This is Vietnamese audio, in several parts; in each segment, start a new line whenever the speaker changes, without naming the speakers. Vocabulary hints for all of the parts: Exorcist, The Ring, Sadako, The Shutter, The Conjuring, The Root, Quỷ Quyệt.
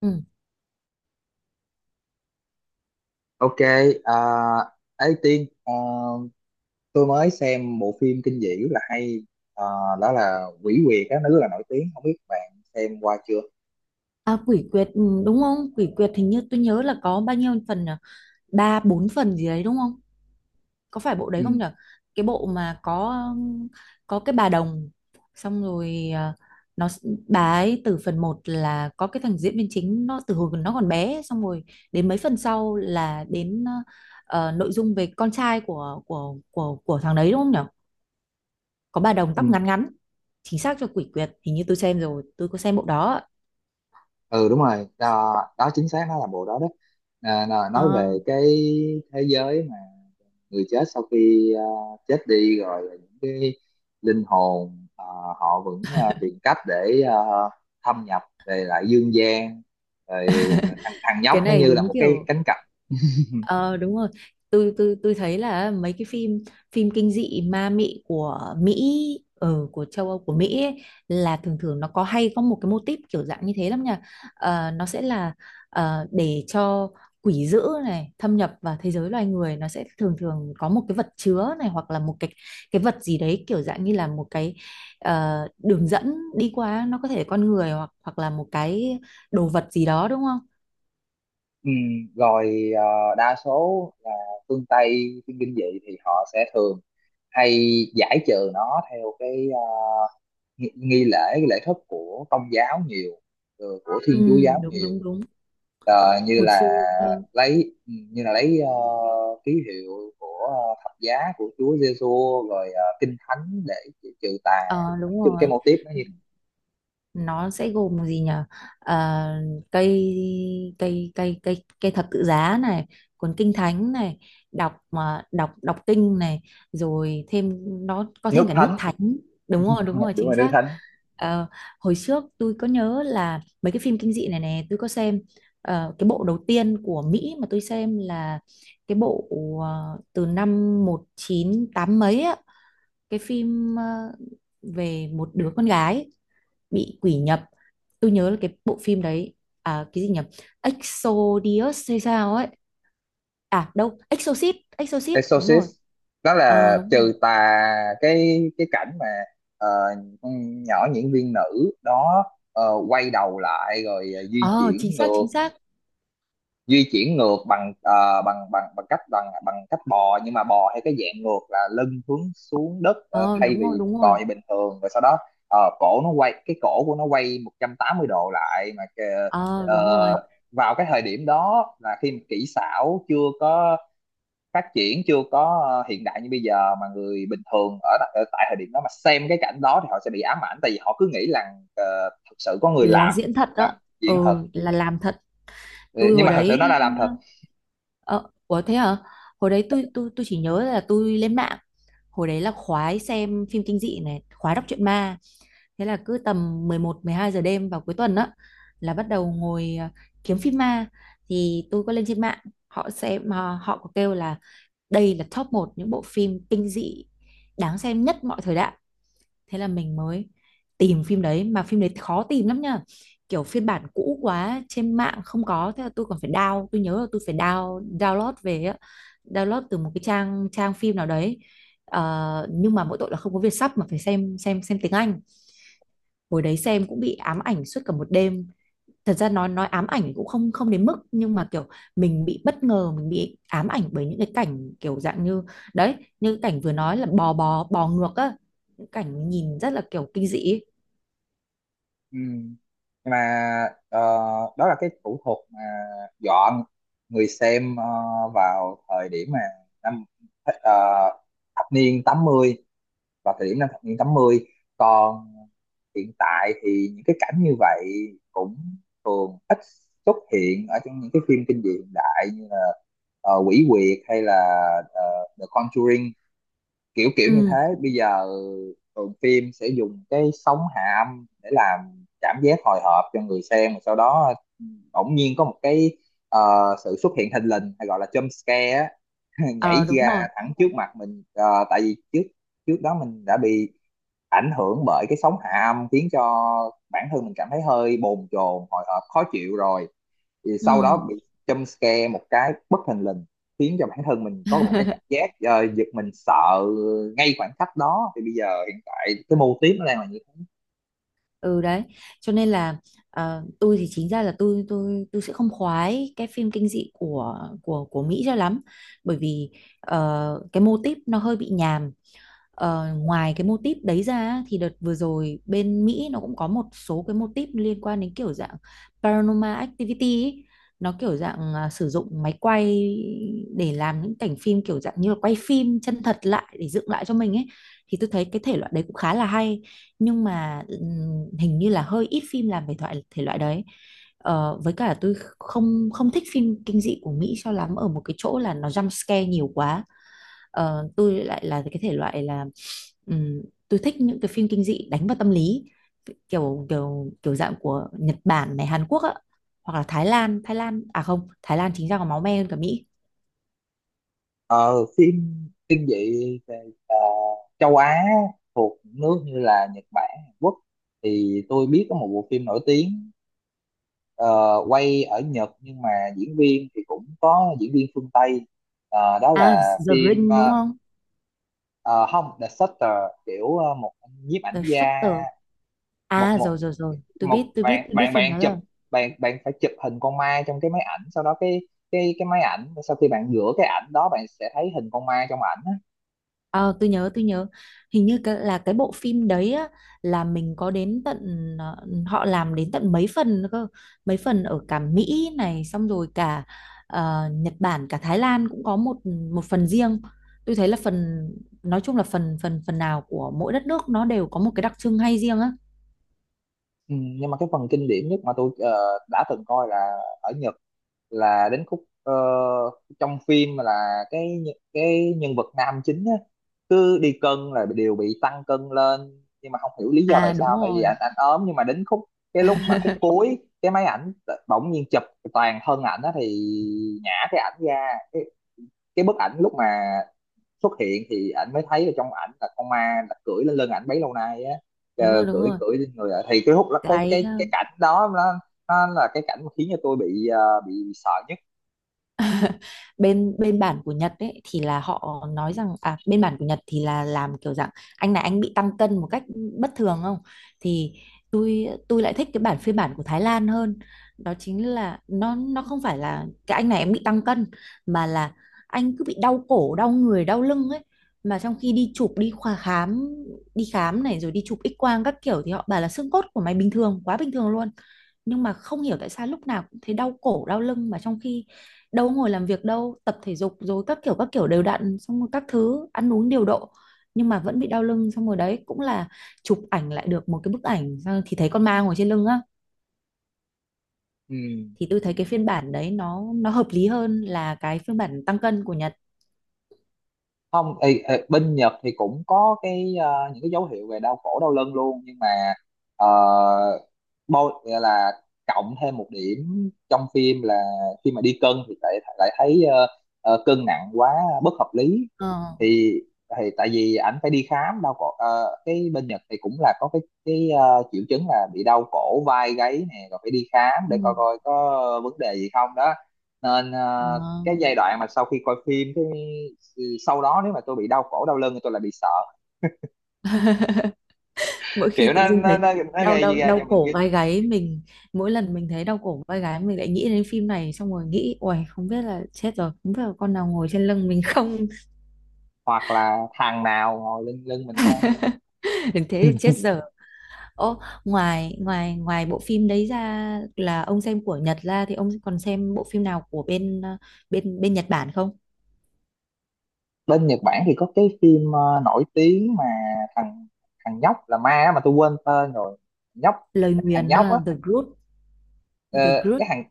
Ừ.
Ok, à, ấy Tiên, tôi mới xem bộ phim kinh dị rất là hay, à, đó là Quỷ Quyệt á, nó rất là nổi tiếng, không biết bạn xem qua chưa?
À, quỷ quyệt đúng không? Quỷ quyệt hình như tôi nhớ là có bao nhiêu phần nhỉ? Ba bốn phần gì đấy đúng không? Có phải bộ đấy không
Ừ,
nhỉ? Cái bộ mà um, có cái bà đồng xong rồi, bà ấy từ phần một là có cái thằng diễn viên chính nó từ hồi nó còn bé, xong rồi đến mấy phần sau là đến nội dung về con trai của thằng đấy, đúng không nhỉ? Có bà đồng
ừ,
tóc ngắn ngắn. Chính xác cho quỷ quyệt, hình như tôi xem rồi, tôi có xem bộ đó.
ừ, đúng rồi, đó, đó chính xác nó là bộ đó đó. À, nói
Ờ,
về cái thế giới mà người chết sau khi chết đi rồi là những cái linh hồn, họ vẫn tìm cách để thâm nhập về lại dương gian, rồi thằng nhóc
cái
nó
này
như là
đúng
một cái
kiểu.
cánh cổng.
Ờ đúng rồi. Tôi thấy là mấy cái phim phim kinh dị ma mị của Mỹ, ở của châu Âu của Mỹ ấy, là thường thường nó có hay có một cái mô típ kiểu dạng như thế lắm nha. Ờ, nó sẽ là để cho quỷ dữ này thâm nhập vào thế giới loài người, nó sẽ thường thường có một cái vật chứa này, hoặc là một cái vật gì đấy kiểu dạng như là một cái đường dẫn đi qua, nó có thể con người hoặc hoặc là một cái đồ vật gì đó, đúng không?
Ừ, rồi đa số là phương Tây phim kinh dị thì họ sẽ thường hay giải trừ nó theo cái nghi lễ, cái lễ thức của công giáo nhiều, ừ, của
Ừ.
Thiên Chúa giáo
Đúng
nhiều.
đúng đúng.
Ờ, như
Hồi
là
xưa.
lấy, ừ, như là lấy ký hiệu của thập giá của Chúa Giêsu, rồi kinh thánh để trừ tà.
Ờ
Nói
đúng
chung
rồi,
cái mô típ nó như
nó sẽ gồm gì nhỉ? Ờ, cây cây cây cây cây thập tự giá này, cuốn kinh thánh này, đọc mà đọc đọc kinh này, rồi thêm nó có
nước
thêm cả nước
thánh.
thánh. Đúng rồi, đúng rồi,
Đúng
chính
rồi, nước
xác.
thánh.
Ờ, hồi trước tôi có nhớ là mấy cái phim kinh dị này này tôi có xem. Ờ, cái bộ đầu tiên của Mỹ mà tôi xem là cái bộ từ năm 198 mấy á, cái phim về một đứa con gái bị quỷ nhập. Tôi nhớ là cái bộ phim đấy, à, cái gì nhỉ? Exodius hay sao ấy. À đâu, Exorcist. Exorcist, đúng
Exorcist,
rồi.
nó
Ờ
là
đúng
trừ
rồi.
tà. Cái cảnh mà ờ, con nhỏ diễn viên nữ đó ờ, quay đầu lại rồi di
Ờ chính
chuyển
xác,
ngược,
chính xác.
di chuyển ngược bằng ờ, bằng bằng bằng cách bò, nhưng mà bò hay cái dạng ngược là lưng hướng xuống đất,
Ờ
thay
đúng
vì
rồi,
mình
đúng rồi.
bò như bình thường, rồi sau đó cổ nó quay, cái cổ của nó quay 180 độ lại mà
Ờ đúng
ờ,
rồi,
vào cái thời điểm đó là khi mà kỹ xảo chưa có phát triển, chưa có hiện đại như bây giờ, mà người bình thường ở tại thời điểm đó mà xem cái cảnh đó thì họ sẽ bị ám ảnh, tại vì họ cứ nghĩ là thực sự có người
là
làm
diễn thật
làm
đó. Ờ,
diễn thật.
là làm thật.
Ừ,
Tôi
nhưng
hồi
mà thật sự
đấy,
nó là làm thật.
ờ ờ, ủa thế hả? Hồi đấy tôi chỉ nhớ là tôi lên mạng. Hồi đấy là khoái xem phim kinh dị này, khoái đọc truyện ma. Thế là cứ tầm 11 12 giờ đêm vào cuối tuần á, là bắt đầu ngồi kiếm phim ma. Thì tôi có lên trên mạng, họ sẽ mà họ có kêu là đây là top một những bộ phim kinh dị đáng xem nhất mọi thời đại. Thế là mình mới tìm phim đấy, mà phim đấy khó tìm lắm nha. Kiểu phiên bản cũ quá trên mạng không có, thế là tôi còn phải tôi nhớ là tôi phải download về á, download từ một cái trang trang phim nào đấy. Ờ, nhưng mà mỗi tội là không có Vietsub, mà phải xem tiếng Anh. Hồi đấy xem cũng bị ám ảnh suốt cả một đêm. Thật ra nói ám ảnh cũng không không đến mức, nhưng mà kiểu mình bị bất ngờ, mình bị ám ảnh bởi những cái cảnh kiểu dạng như đấy, như cảnh vừa nói là bò bò bò ngược á, những cảnh nhìn rất là kiểu kinh dị ấy.
Ừ, nhưng mà ờ, đó là cái thủ thuật mà dọn người xem vào thời điểm mà năm ờ, thập niên tám mươi, vào thời điểm năm thập niên 80. Còn hiện tại thì những cái cảnh như vậy cũng thường ít xuất hiện ở trong những cái phim kinh dị hiện đại, như là Quỷ Quyệt hay là ờ, The Conjuring, kiểu kiểu như thế.
Ừ.
Bây giờ thường phim sẽ dùng cái sóng hạ âm để làm cảm giác hồi hộp cho người xem, và sau đó bỗng nhiên có một cái ờ, sự xuất hiện thình lình, hay gọi là jump scare á,
Ờ
nhảy
đúng
ra
rồi.
thẳng trước mặt mình. Ờ, tại vì trước trước đó mình đã bị ảnh hưởng bởi cái sóng hạ âm khiến cho bản thân mình cảm thấy hơi bồn chồn, hồi hộp, khó chịu rồi, thì sau
Ừ.
đó bị jump scare một cái bất thình lình, khiến cho bản thân mình có một cái cảm giác giật mình sợ ngay khoảnh khắc đó. Thì bây giờ hiện tại cái mô típ nó đang là như thế.
Ừ đấy, cho nên là tôi thì chính ra là tôi sẽ không khoái cái phim kinh dị của Mỹ cho lắm, bởi vì cái mô típ nó hơi bị nhàm. Ờ, ngoài cái mô típ đấy ra, thì đợt vừa rồi bên Mỹ nó cũng có một số cái mô típ liên quan đến kiểu dạng paranormal activity ấy. Nó kiểu dạng sử dụng máy quay để làm những cảnh phim kiểu dạng như là quay phim chân thật lại để dựng lại cho mình ấy, thì tôi thấy cái thể loại đấy cũng khá là hay. Nhưng mà hình như là hơi ít phim làm về thoại thể loại đấy. Ờ, với cả tôi không không thích phim kinh dị của Mỹ cho lắm ở một cái chỗ là nó jump scare nhiều quá. Ờ, tôi lại là cái thể loại là ừm, tôi thích những cái phim kinh dị đánh vào tâm lý, kiểu kiểu kiểu dạng của Nhật Bản này, Hàn Quốc á, hoặc là Thái Lan. Thái Lan, à không, Thái Lan chính ra còn máu me hơn cả Mỹ.
Ờ, phim kinh dị ờ, ờ, châu Á, thuộc nước như là Nhật Bản, Hàn Quốc, thì tôi biết có một bộ phim nổi tiếng ờ, quay ở Nhật nhưng mà diễn viên thì cũng có diễn viên phương Tây. Ờ, đó
À,
là
The
phim
Ring đúng không?
ờ, không, The Shutter, kiểu một nhiếp ảnh
The
gia,
Shutter.
một
À
một
rồi rồi rồi, tôi
một
biết, tôi biết,
bạn
tôi biết
bạn
phim
bạn
đó
chụp,
rồi.
bạn bạn phải chụp hình con ma trong cái máy ảnh, sau đó cái cái máy ảnh, sau khi bạn rửa cái ảnh đó, bạn sẽ thấy hình con ma trong ảnh á.
Ờ, tôi nhớ hình như là cái bộ phim đấy á, là mình có đến tận ờ, họ làm đến tận mấy phần nữa cơ, mấy phần ở cả Mỹ này, xong rồi cả Nhật Bản, cả Thái Lan cũng có một một phần riêng. Tôi thấy là phần, nói chung là phần phần phần nào của mỗi đất nước nó đều có một cái đặc trưng hay riêng á.
Ừ, nhưng mà cái phần kinh điển nhất mà tôi đã từng coi là ở Nhật, là đến khúc trong phim là cái cái nhân vật nam chính á, cứ đi cân là đều bị tăng cân lên nhưng mà không hiểu lý do tại
À đúng
sao, tại vì
rồi.
ảnh, ảnh ốm, nhưng mà đến khúc cái lúc mà khúc cuối cái máy ảnh bỗng nhiên chụp toàn thân ảnh á, thì nhả cái ảnh ra cái bức ảnh lúc mà xuất hiện thì ảnh mới thấy ở trong ảnh là con ma là cưỡi lên lưng ảnh bấy lâu nay á.
Đúng
Ờ,
rồi, đúng
cưỡi
rồi.
cưỡi lên người ạ. Thì cái hút cái
Cái
cái cảnh đó nó là cái cảnh mà khiến cho tôi bị sợ nhất.
bên bên bản của Nhật ấy, thì là họ nói rằng, à, bên bản của Nhật thì là làm kiểu dạng anh này anh bị tăng cân một cách bất thường không, thì tôi lại thích cái bản phiên bản của Thái Lan hơn. Đó chính là nó không phải là cái anh này em bị tăng cân, mà là anh cứ bị đau cổ đau người đau lưng ấy, mà trong khi đi chụp đi khoa khám, đi khám này rồi đi chụp X quang các kiểu, thì họ bảo là xương cốt của mày bình thường quá, bình thường luôn, nhưng mà không hiểu tại sao lúc nào cũng thấy đau cổ đau lưng. Mà trong khi đâu ngồi làm việc, đâu tập thể dục rồi các kiểu đều đặn, xong rồi các thứ ăn uống điều độ, nhưng mà vẫn bị đau lưng, xong rồi đấy cũng là chụp ảnh lại được một cái bức ảnh, xong thì thấy con ma ngồi trên lưng á.
Ừ.
Thì tôi thấy cái phiên bản đấy nó hợp lý hơn là cái phiên bản tăng cân của Nhật.
Không, ý, ý, bên Nhật thì cũng có cái những cái dấu hiệu về đau cổ đau lưng luôn, nhưng mà uh, bo gọi là cộng thêm một điểm trong phim là khi mà đi cân thì lại lại thấy cân nặng quá bất hợp lý.
Ờ.
Thì thì tại vì ảnh phải đi khám đau cổ, cái bên Nhật thì cũng là có cái triệu chứng là bị đau cổ vai gáy nè, rồi phải đi khám để coi,
Ừ.
coi có vấn đề gì không đó. Nên
Ờ.
cái giai đoạn mà sau khi coi phim cái, sau đó nếu mà tôi bị đau cổ đau lưng thì tôi lại bị sợ,
Mỗi khi
kiểu
tự
nó
dưng
nó
thấy
nó, nó
đau
gây
đau
ra
đau
cho mình
cổ
cái,
vai gáy mình, mỗi lần mình thấy đau cổ vai gáy, mình lại nghĩ đến phim này, xong rồi nghĩ uầy không biết là chết rồi, không biết là con nào ngồi trên lưng mình không.
hoặc là thằng nào ngồi lên lưng mình không.
Thế thì chết dở. Ô, ngoài ngoài ngoài bộ phim đấy ra là ông xem của Nhật ra, thì ông còn xem bộ phim nào của bên bên bên Nhật Bản không?
Bên Nhật Bản thì có cái phim nổi tiếng mà thằng thằng nhóc là ma á, mà tôi quên tên rồi. Nhóc,
Lời
thằng
nguyền,
nhóc á,
The Group,
ờ,
The
cái
Group,
thằng,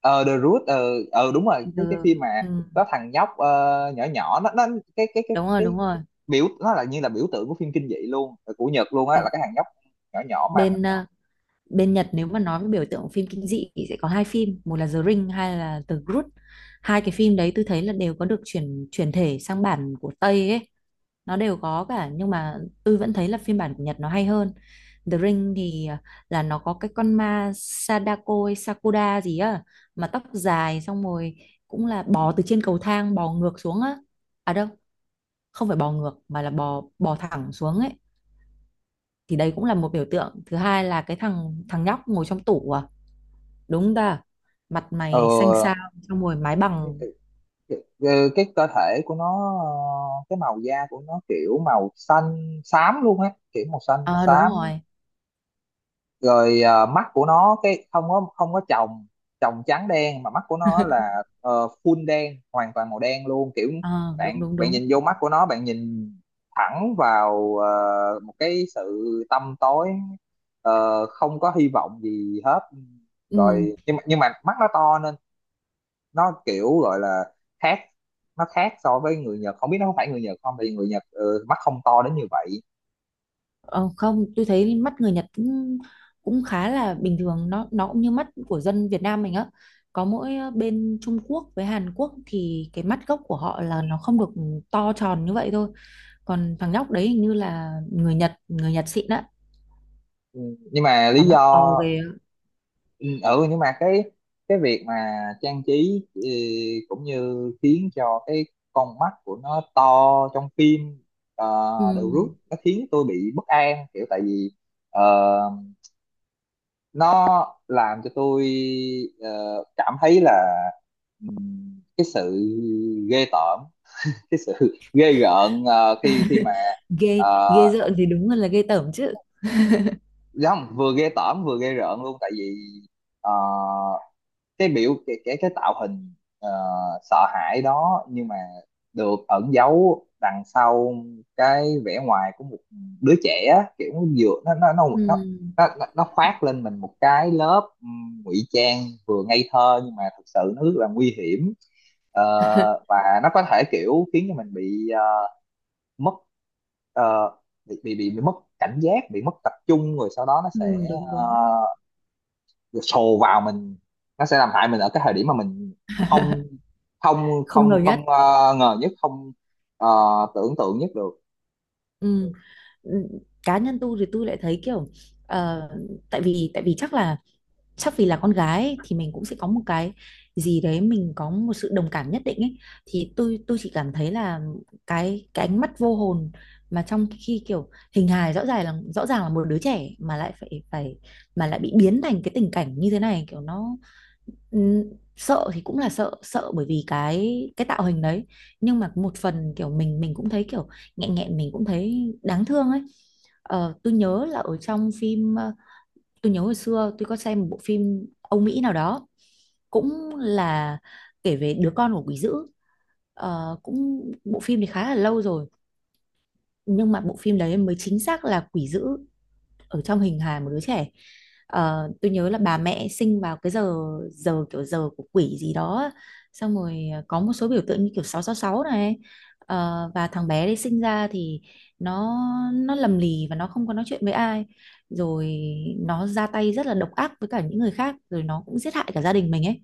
ờ, The Root, đúng rồi, cái
The,
phim mà
ừ,
có thằng nhóc nhỏ, nhỏ nó, cái cái cái
đúng rồi,
cái
đúng rồi.
biểu nó là như là biểu tượng của phim kinh dị luôn, của Nhật luôn á, là
Đúng.
cái thằng nhóc nhỏ nhỏ ma.
Bên ờ, bên Nhật nếu mà nói về biểu tượng phim kinh dị thì sẽ có hai phim, một là The Ring, hai là The Group. Hai cái phim đấy tôi thấy là đều có được chuyển chuyển thể sang bản của Tây ấy. Nó đều có cả, nhưng mà tôi vẫn thấy là phiên bản của Nhật nó hay hơn. The Ring thì là nó có cái con ma Sadako hay Sakura gì á, mà tóc dài, xong rồi cũng là bò từ trên cầu thang bò ngược xuống á. À đâu, không phải bò ngược mà là bò bò thẳng xuống ấy. Thì đấy cũng là một biểu tượng. Thứ hai là cái thằng thằng nhóc ngồi trong tủ, à đúng ta, mặt
ờ
mày xanh xao, xong rồi mái bằng.
ờ, cái cơ thể của nó, cái màu da của nó kiểu màu xanh xám luôn á, kiểu màu xanh mà
Ờ đúng
xám.
rồi.
Rồi mắt của nó cái không có, không có tròng, tròng trắng đen, mà mắt của nó là full đen, hoàn toàn màu đen luôn, kiểu
Ờ đúng
bạn
đúng
bạn
đúng.
nhìn vô mắt của nó, bạn nhìn thẳng vào một cái sự tăm tối, không có hy vọng gì hết.
Ừ.
Rồi nhưng mà mắt nó to, nó kiểu gọi là khác, nó khác so với người Nhật, không biết nó có phải người Nhật không, tại vì người Nhật, ừ, mắt không to đến như vậy.
Ờ, không, tôi thấy mắt người Nhật cũng khá là bình thường, nó cũng như mắt của dân Việt Nam mình á. Có mỗi bên Trung Quốc với Hàn Quốc thì cái mắt gốc của họ là nó không được to tròn như vậy thôi. Còn thằng nhóc đấy hình như là người Nhật xịn á,
Ừ, nhưng mà
mà
lý do,
mắt to ghê. Á.
ừ, nhưng mà cái việc mà trang trí, ừ, cũng như khiến cho cái con mắt của nó to trong phim, ờ,
Ừ.
đều rút, nó khiến tôi bị bất an, kiểu tại vì ờ, nó làm cho tôi ờ, cảm thấy là cái sự ghê tởm, cái sự ghê rợn khi khi mà
Ghê,
ờ,
ghê rợn thì đúng là ghê tởm chứ.
không, vừa ghê tởm vừa ghê rợn luôn, tại vì ờ, cái biểu cái tạo hình ờ, sợ hãi đó, nhưng mà được ẩn giấu đằng sau cái vẻ ngoài của một đứa trẻ á, kiểu nó vừa nó nó nó
Ừ.
nó khoác lên mình một cái lớp ngụy trang, vừa ngây thơ nhưng mà thực sự nó rất là nguy hiểm. Ờ, và nó có thể kiểu khiến cho mình bị mất ờ, bị mất cảnh giác, bị mất tập trung, rồi sau đó nó
Ừ,
sẽ
đúng đúng,
sồ vào mình, nó sẽ làm hại mình ở cái thời điểm mà mình không không
không ngờ
không
nhất.
không ờ, ngờ nhất, không ờ, tưởng tượng nhất được.
Ừ. ừ, cá nhân tôi thì tôi lại thấy kiểu ờ, tại vì chắc là chắc vì là con gái ấy, thì mình cũng sẽ có một cái gì đấy, mình có một sự đồng cảm nhất định ấy, thì tôi chỉ cảm thấy là cái ánh mắt vô hồn, mà trong khi kiểu hình hài rõ ràng là một đứa trẻ mà lại phải phải mà lại bị biến thành cái tình cảnh như thế này, kiểu nó ừm, sợ thì cũng là sợ sợ bởi vì cái tạo hình đấy. Nhưng mà một phần kiểu mình cũng thấy kiểu nghẹn nghẹn, mình cũng thấy đáng thương ấy. Ờ, tôi nhớ là ở trong phim, tôi nhớ hồi xưa tôi có xem một bộ phim Âu Mỹ nào đó, cũng là kể về đứa con của quỷ dữ. Ờ, cũng bộ phim thì khá là lâu rồi, nhưng mà bộ phim đấy mới chính xác là quỷ dữ ở trong hình hài một đứa trẻ. Ờ, tôi nhớ là bà mẹ sinh vào cái giờ giờ kiểu giờ của quỷ gì đó á. Xong rồi có một số biểu tượng như kiểu 666 này. Ờ, và thằng bé đấy sinh ra thì nó nó lầm lì và nó không có nói chuyện với ai, rồi nó ra tay rất là độc ác với cả những người khác, rồi nó cũng giết hại cả gia đình mình ấy.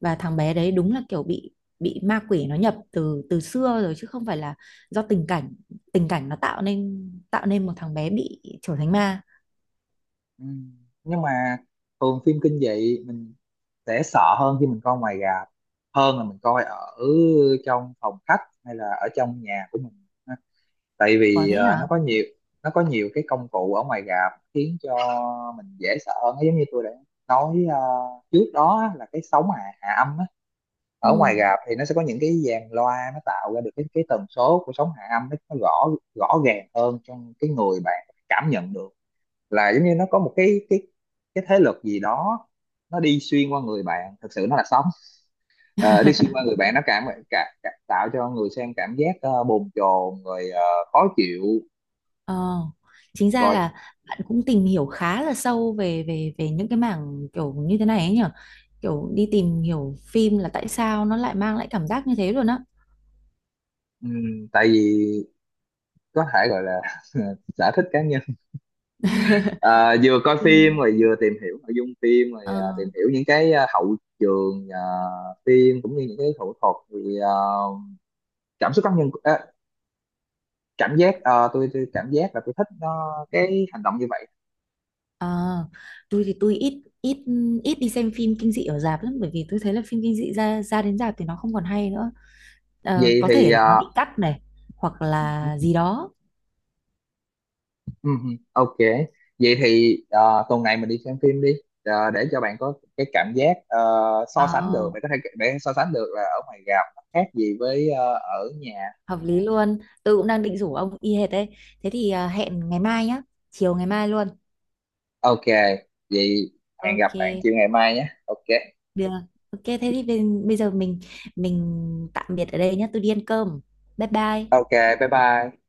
Và thằng bé đấy đúng là kiểu bị ma quỷ nó nhập từ từ xưa rồi, chứ không phải là do tình cảnh, nó tạo nên một thằng bé bị trở thành ma.
Ừ. Nhưng mà thường phim kinh dị mình sẽ sợ hơn khi mình coi ngoài rạp hơn là mình coi ở trong phòng khách hay là ở trong nhà của mình, tại
Có
vì
thế
nó
hả?
có nhiều, nó có nhiều cái công cụ ở ngoài rạp khiến cho mình dễ sợ hơn. Nó giống như tôi đã nói trước đó á, là cái sóng hạ âm á. Ở ngoài
Ừ.
rạp thì nó sẽ có những cái dàn loa, nó tạo ra được cái tần số của sóng hạ âm, nó rõ rõ ràng hơn, trong cái người bạn cảm nhận được là giống như nó có một cái cái thế lực gì đó, nó đi xuyên qua người bạn, thực sự nó là sóng. Ờ, đi xuyên qua người bạn, nó cảm, tạo cho người xem cảm giác bồn chồn rồi khó chịu
Ờ. Chính ra
rồi.
là bạn cũng tìm hiểu khá là sâu về về về những cái mảng kiểu như thế này ấy nhở? Kiểu đi tìm hiểu phim là tại sao nó lại mang lại cảm giác như thế luôn á.
Tại vì có thể gọi là sở thích cá nhân, à, vừa coi
Ừ.
phim rồi vừa tìm hiểu nội dung phim, rồi à,
Ờ,
tìm hiểu những cái à, hậu trường, à, phim, cũng như những cái thủ thuật, thì à, cảm xúc cá nhân, à, cảm giác, à, tôi cảm giác là tôi thích nó cái hành động như vậy.
ờ. Tôi thì tôi ít ít ít đi xem phim kinh dị ở rạp lắm, bởi vì tôi thấy là phim kinh dị ra, đến rạp thì nó không còn hay nữa. Ờ,
Vậy
có
thì
thể là
à,
nó bị cắt này, hoặc là
ừm,
gì đó.
ok, vậy thì à, tuần này mình đi xem phim đi, à, để cho bạn có cái cảm giác so sánh được,
Ờ,
bạn có thể để so sánh được là ở ngoài rạp nó khác gì với ở nhà.
hợp lý luôn, tôi cũng đang định rủ ông y hệt đấy. Thế thì hẹn ngày mai nhá, chiều ngày mai luôn.
Ok, vậy, hẹn gặp
Ok,
bạn chiều ngày mai nhé. Ok,
được. Ok, thế thì bây bây giờ mình tạm biệt ở đây nhá, tôi đi ăn cơm. Bye bye.
ok, bye bye.